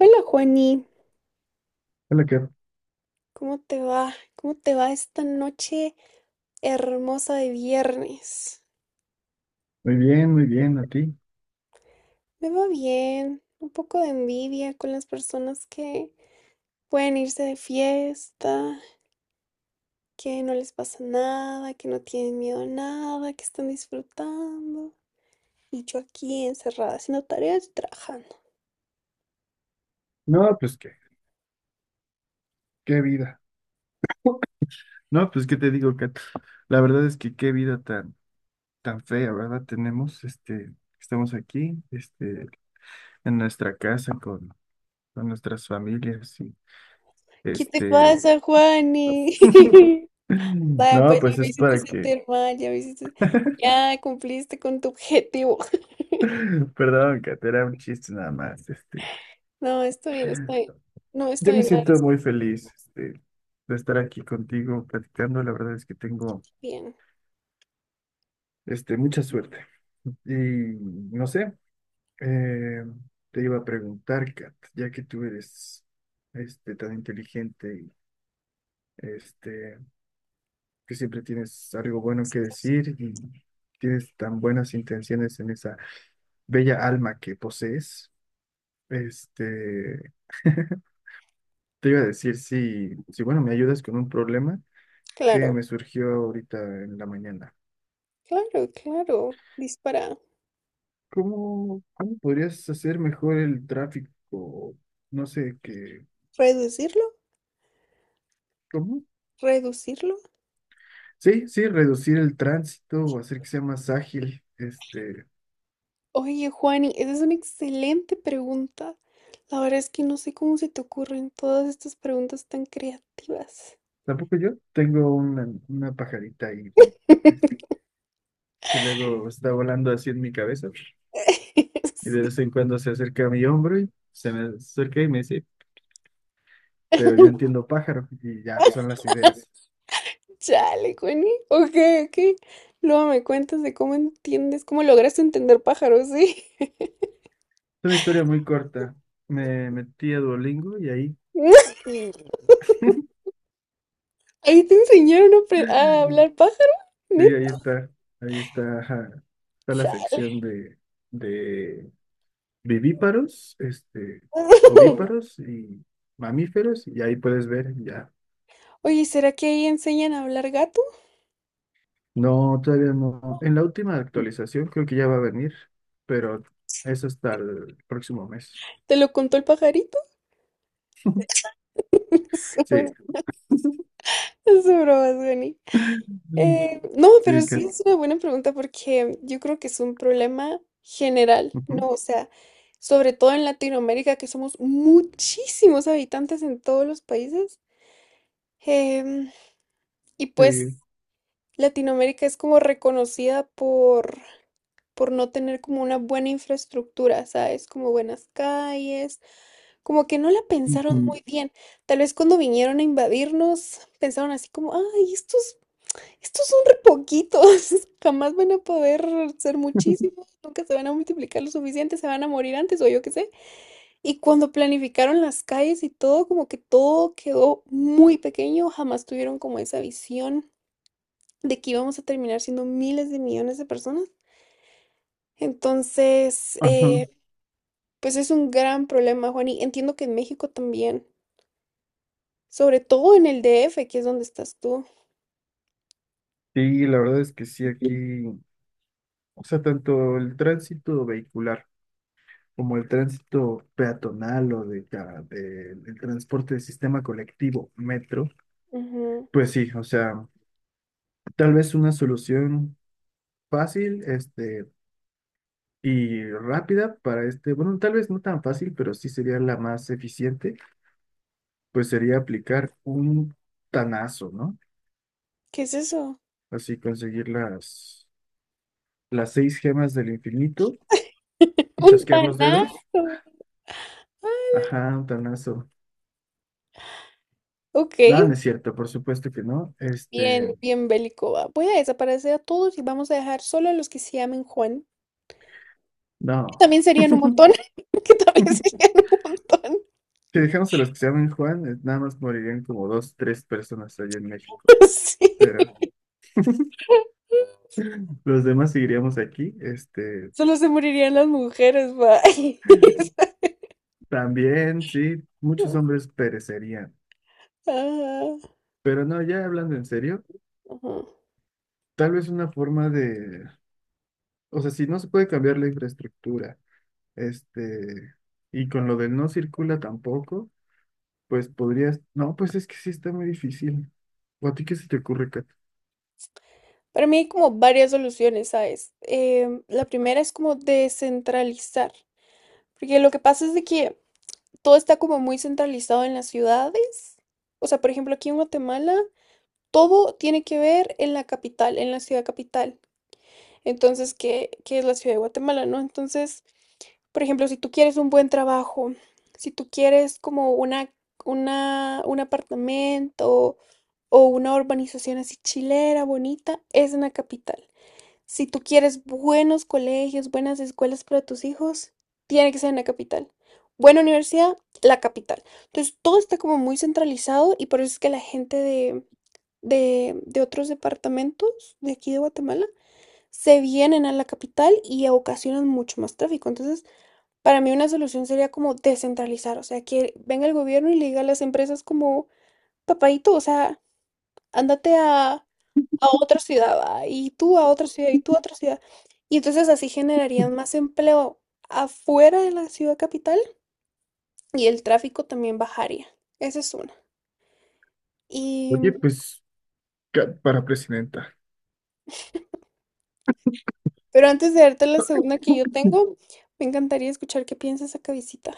Hola Juani, Hola, Kat. ¿cómo te va? ¿Cómo te va esta noche hermosa de viernes? Muy bien, ¿a ti? Me va bien, un poco de envidia con las personas que pueden irse de fiesta, que no les pasa nada, que no tienen miedo a nada, que están disfrutando. Y yo aquí encerrada haciendo tareas y trabajando. No, pues qué, qué vida. No, pues qué te digo, Kat. La verdad es que qué vida tan, tan fea, ¿verdad? Tenemos, estamos aquí, en nuestra casa con nuestras familias y, ¿Qué te este, pasa, Juani? Vaya, no, pues ya pues me es hiciste para que, sentir mal, ya me hiciste... Ya cumpliste con tu objetivo. perdón, Kat, era un chiste nada más, No, estoy, no Yo estoy me en la siento muy feliz, de estar aquí contigo platicando. La verdad es que tengo, bien. Mucha suerte. Y no sé. Eh, Te iba a preguntar, Kat, ya que tú eres tan inteligente y este, que siempre tienes algo bueno que decir y tienes tan buenas intenciones en esa bella alma que posees, este, te iba a decir si, si, bueno, me ayudas con un problema que me Claro, surgió ahorita en la mañana. claro. Dispara. ¿Cómo, cómo podrías hacer mejor el tráfico? No sé, qué. ¿Reducirlo? ¿Cómo? ¿Reducirlo? Sí, sí, reducir el tránsito o hacer que sea más ágil. Oye, Juani, esa es una excelente pregunta. La verdad es que no sé cómo se te ocurren todas estas preguntas tan creativas. Tampoco yo tengo una pajarita ahí es- que luego está volando así en mi cabeza y de Sí. vez en cuando se acerca a mi hombro y se me acerca y me dice, pero yo entiendo pájaro y ya pues, son las ideas. Chale, Juani. Ok, ok. Luego me cuentas de cómo entiendes, cómo lograste entender pájaros, ¿sí? Es una historia muy corta. Me metí a Duolingo y ahí, Ahí te enseñaron a, a hablar pájaro, sí, neta. Ahí está, ajá, está la sección de, vivíparos, ovíparos y mamíferos, y ahí puedes ver ya. Oye, ¿será que ahí enseñan a hablar gato? No, todavía no. En la última actualización creo que ya va a venir, pero eso hasta el próximo mes. ¿Te lo contó el pajarito? Sí. Es broma, Dani. Mm. No, pero Sí, sí que. es una buena pregunta porque yo creo que es un problema general, Ujú. ¿no? O sea, sobre todo en Latinoamérica, que somos muchísimos habitantes en todos los países. Em, y pues Sí. Latinoamérica es como reconocida por no tener como una buena infraestructura, ¿sabes? Como buenas calles. Como que no la Ujú. pensaron muy bien. Tal vez cuando vinieron a invadirnos, pensaron así como, ay, estos, estos son re poquitos, jamás van a poder ser muchísimos, nunca se van a multiplicar lo suficiente, se van a morir antes o yo qué sé. Y cuando planificaron las calles y todo, como que todo quedó muy pequeño, jamás tuvieron como esa visión de que íbamos a terminar siendo miles de millones de personas. Entonces, Ajá. Pues es un gran problema, Juan, y entiendo que en México también. Sobre todo en el D F, que es donde estás tú. Sí, la verdad es que sí, aquí, o sea, tanto el tránsito vehicular como el tránsito peatonal o el transporte de sistema colectivo, metro, Ujú. pues sí, o sea. Tal vez una solución fácil, y rápida para este, bueno, tal vez no tan fácil, pero sí sería la más eficiente, pues sería aplicar un tanazo, ¿no? ¿Qué es eso? Así conseguir las seis gemas del infinito y Un chasquear los dedos. tanazo. Ajá, un tanazo. Ok, Nada, no es cierto, por supuesto que no. bien, Este, bien bélico, va. Voy a desaparecer a todos y vamos a dejar solo a los que se llamen Juan. Que no. también serían un montón. Que también serían un montón. Si dejamos a los que se llaman Juan, nada más morirían como dos, tres personas allá en México. Sí. Pero los demás seguiríamos aquí, este. Solo se morirían las mujeres, va. También, sí, muchos hombres perecerían. Ajá, Pero no, ya hablando en serio, ajá. tal vez una forma de, o sea, si no se puede cambiar la infraestructura, este, y con lo de no circula tampoco, pues podrías, no, pues es que sí está muy difícil. ¿O a ti qué se te ocurre, Kat? Para mí hay como varias soluciones, ¿sabes? La primera es como descentralizar, porque lo que pasa es de que todo está como muy centralizado en las ciudades. O sea, por ejemplo, aquí en Guatemala, todo tiene que ver en la capital, en la ciudad capital. Entonces, ¿qué, qué es la ciudad de Guatemala, no? Entonces, por ejemplo, si tú quieres un buen trabajo, si tú quieres como una, un apartamento o una urbanización así chilera, bonita, es en la capital. Si tú quieres buenos colegios, buenas escuelas para tus hijos, tiene que ser en la capital. Buena universidad, la capital. Entonces, todo está como muy centralizado y por eso es que la gente de otros departamentos de aquí de Guatemala se vienen a la capital y ocasionan mucho más tráfico. Entonces, para mí una solución sería como descentralizar, o sea, que venga el gobierno y le diga a las empresas como, papadito, o sea, ándate a otra ciudad, ah, y tú a otra ciudad, y tú a otra ciudad. Y entonces así generarían más empleo afuera de la ciudad capital y el tráfico también bajaría. Esa es una. Y, Oye, pues, Kat para presidenta. pero antes de darte la segunda que yo tengo, me encantaría escuchar qué piensas acá, visita.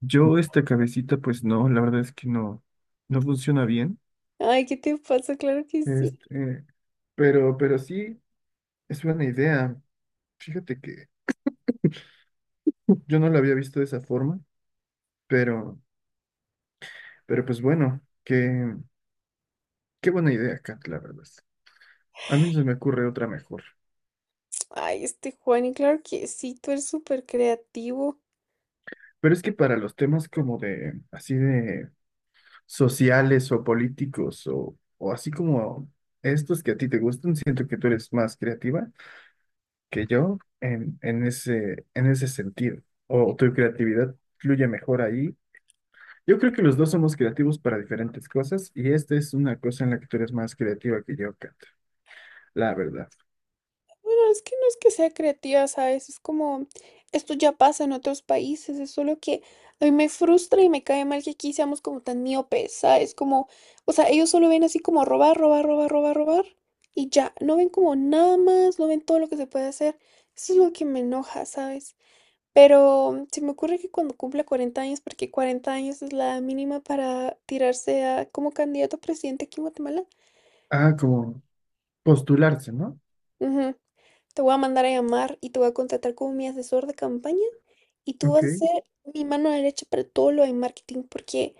Yo esta cabecita, pues no, la verdad es que no, no funciona bien. Ay, ¿qué te pasa? Claro que sí. Este, pero sí, es buena idea. Fíjate que yo no lo había visto de esa forma, pero, pero pues bueno, qué, qué buena idea, Kat, la verdad. A mí no se me ocurre otra mejor. Ay, este Juan, y claro que sí, tú eres súper creativo. Pero es que para los temas como de, así de sociales o políticos o así como estos que a ti te gustan, siento que tú eres más creativa que yo en ese sentido. O tu creatividad fluye mejor ahí. Yo creo que los dos somos creativos para diferentes cosas y esta es una cosa en la que tú eres más creativa que yo, Kat, la verdad. Bueno, es que no es que sea creativa, ¿sabes? Es como, esto ya pasa en otros países, es solo que a mí me frustra y me cae mal que aquí seamos como tan miopes, ¿sabes? Como, o sea, ellos solo ven así como robar, robar, robar, robar, robar y ya, no ven como nada más, no ven todo lo que se puede hacer. Eso es lo que me enoja, ¿sabes? Pero se me ocurre que cuando cumpla 40 años, porque 40 años es la edad mínima para tirarse a como candidato a presidente aquí en Guatemala, Ah, como postularse, ¿no? ujú. Te voy a mandar a llamar y te voy a contratar como mi asesor de campaña. Y tú Ok. vas a ser mi mano derecha para todo lo de marketing, porque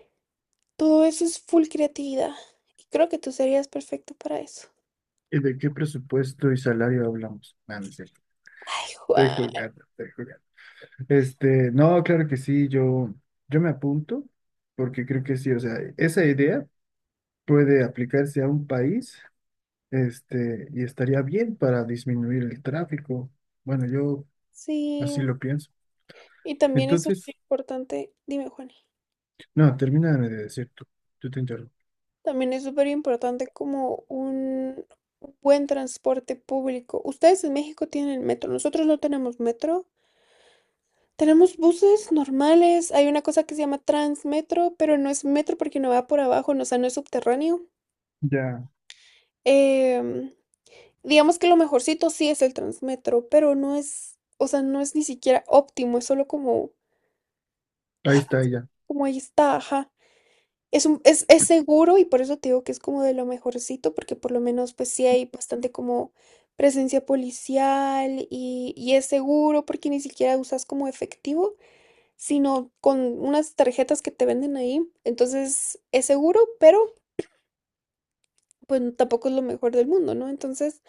todo eso es full creatividad. Y creo que tú serías perfecto para eso. ¿Y de qué presupuesto y salario hablamos? No, no es cierto. Estoy Juan. jugando, estoy jugando. Este, no, claro que sí, yo me apunto porque creo que sí, o sea, esa idea puede aplicarse a un país, y estaría bien para disminuir el tráfico. Bueno, yo Sí, así lo pienso. y también es súper Entonces, importante, dime Juan, no, termina de decir tú, tú te interrumpo. también es súper importante como un buen transporte público. Ustedes en México tienen metro, nosotros no tenemos metro. Tenemos buses normales, hay una cosa que se llama Transmetro, pero no es metro porque no va por abajo, no, o sea, no es subterráneo. Ya, Em, Digamos que lo mejorcito sí es el Transmetro, pero no es, o sea, no es ni siquiera óptimo, es solo como, ahí está ella. como ahí está, ajá. Es seguro y por eso te digo que es como de lo mejorcito, porque por lo menos pues sí hay bastante como presencia policial y es seguro porque ni siquiera usas como efectivo, sino con unas tarjetas que te venden ahí. Entonces es seguro, pero pues tampoco es lo mejor del mundo, ¿no? Entonces...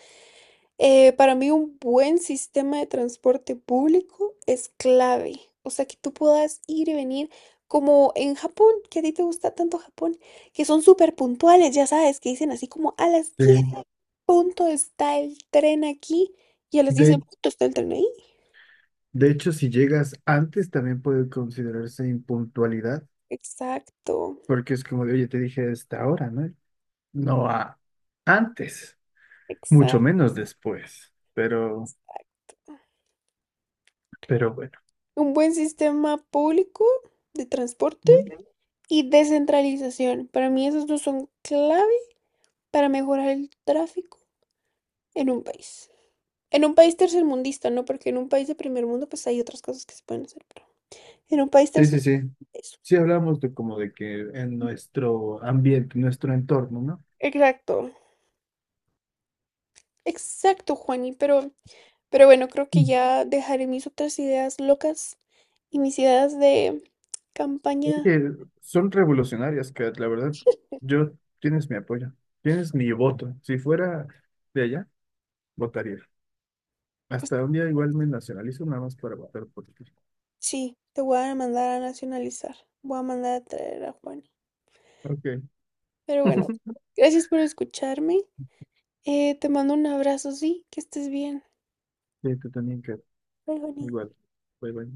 Para mí un buen sistema de transporte público es clave, o sea, que tú puedas ir y venir como en Japón, que a ti te gusta tanto Japón, que son súper puntuales, ya sabes, que dicen así como a las Sí. 10 en punto está el tren aquí y a las 10 en De punto está el tren ahí. De hecho, si llegas antes, también puede considerarse impuntualidad, Exacto, porque es como de, oye, te dije a esta hora, ¿no? No a antes, mucho exacto. menos después, pero bueno. Un buen sistema público de transporte ¿Mm? y descentralización. Para mí esos dos son clave para mejorar el tráfico en un país. En un país tercermundista, ¿no? Porque en un país de primer mundo, pues hay otras cosas que se pueden hacer, pero en un país Sí, tercer sí, sí. eso. Sí hablamos de como de que en nuestro ambiente, nuestro entorno, ¿no? Exacto, exacto, Juani, pero bueno, creo que Mm. ya dejaré mis otras ideas locas y mis ideas de campaña. Oye, son revolucionarias, Kat, la verdad. Yo, tienes mi apoyo, tienes mi voto. Si fuera de allá, votaría. Hasta un día igual me nacionalizo nada más para votar por ti. Sí, te voy a mandar a nacionalizar, voy a mandar a traer a Juani. Ok. Pero bueno, gracias por escucharme, te mando un abrazo, sí, que estés bien. Sí, tú también, Kat. Bye, Juani. Igual. Bye, bye.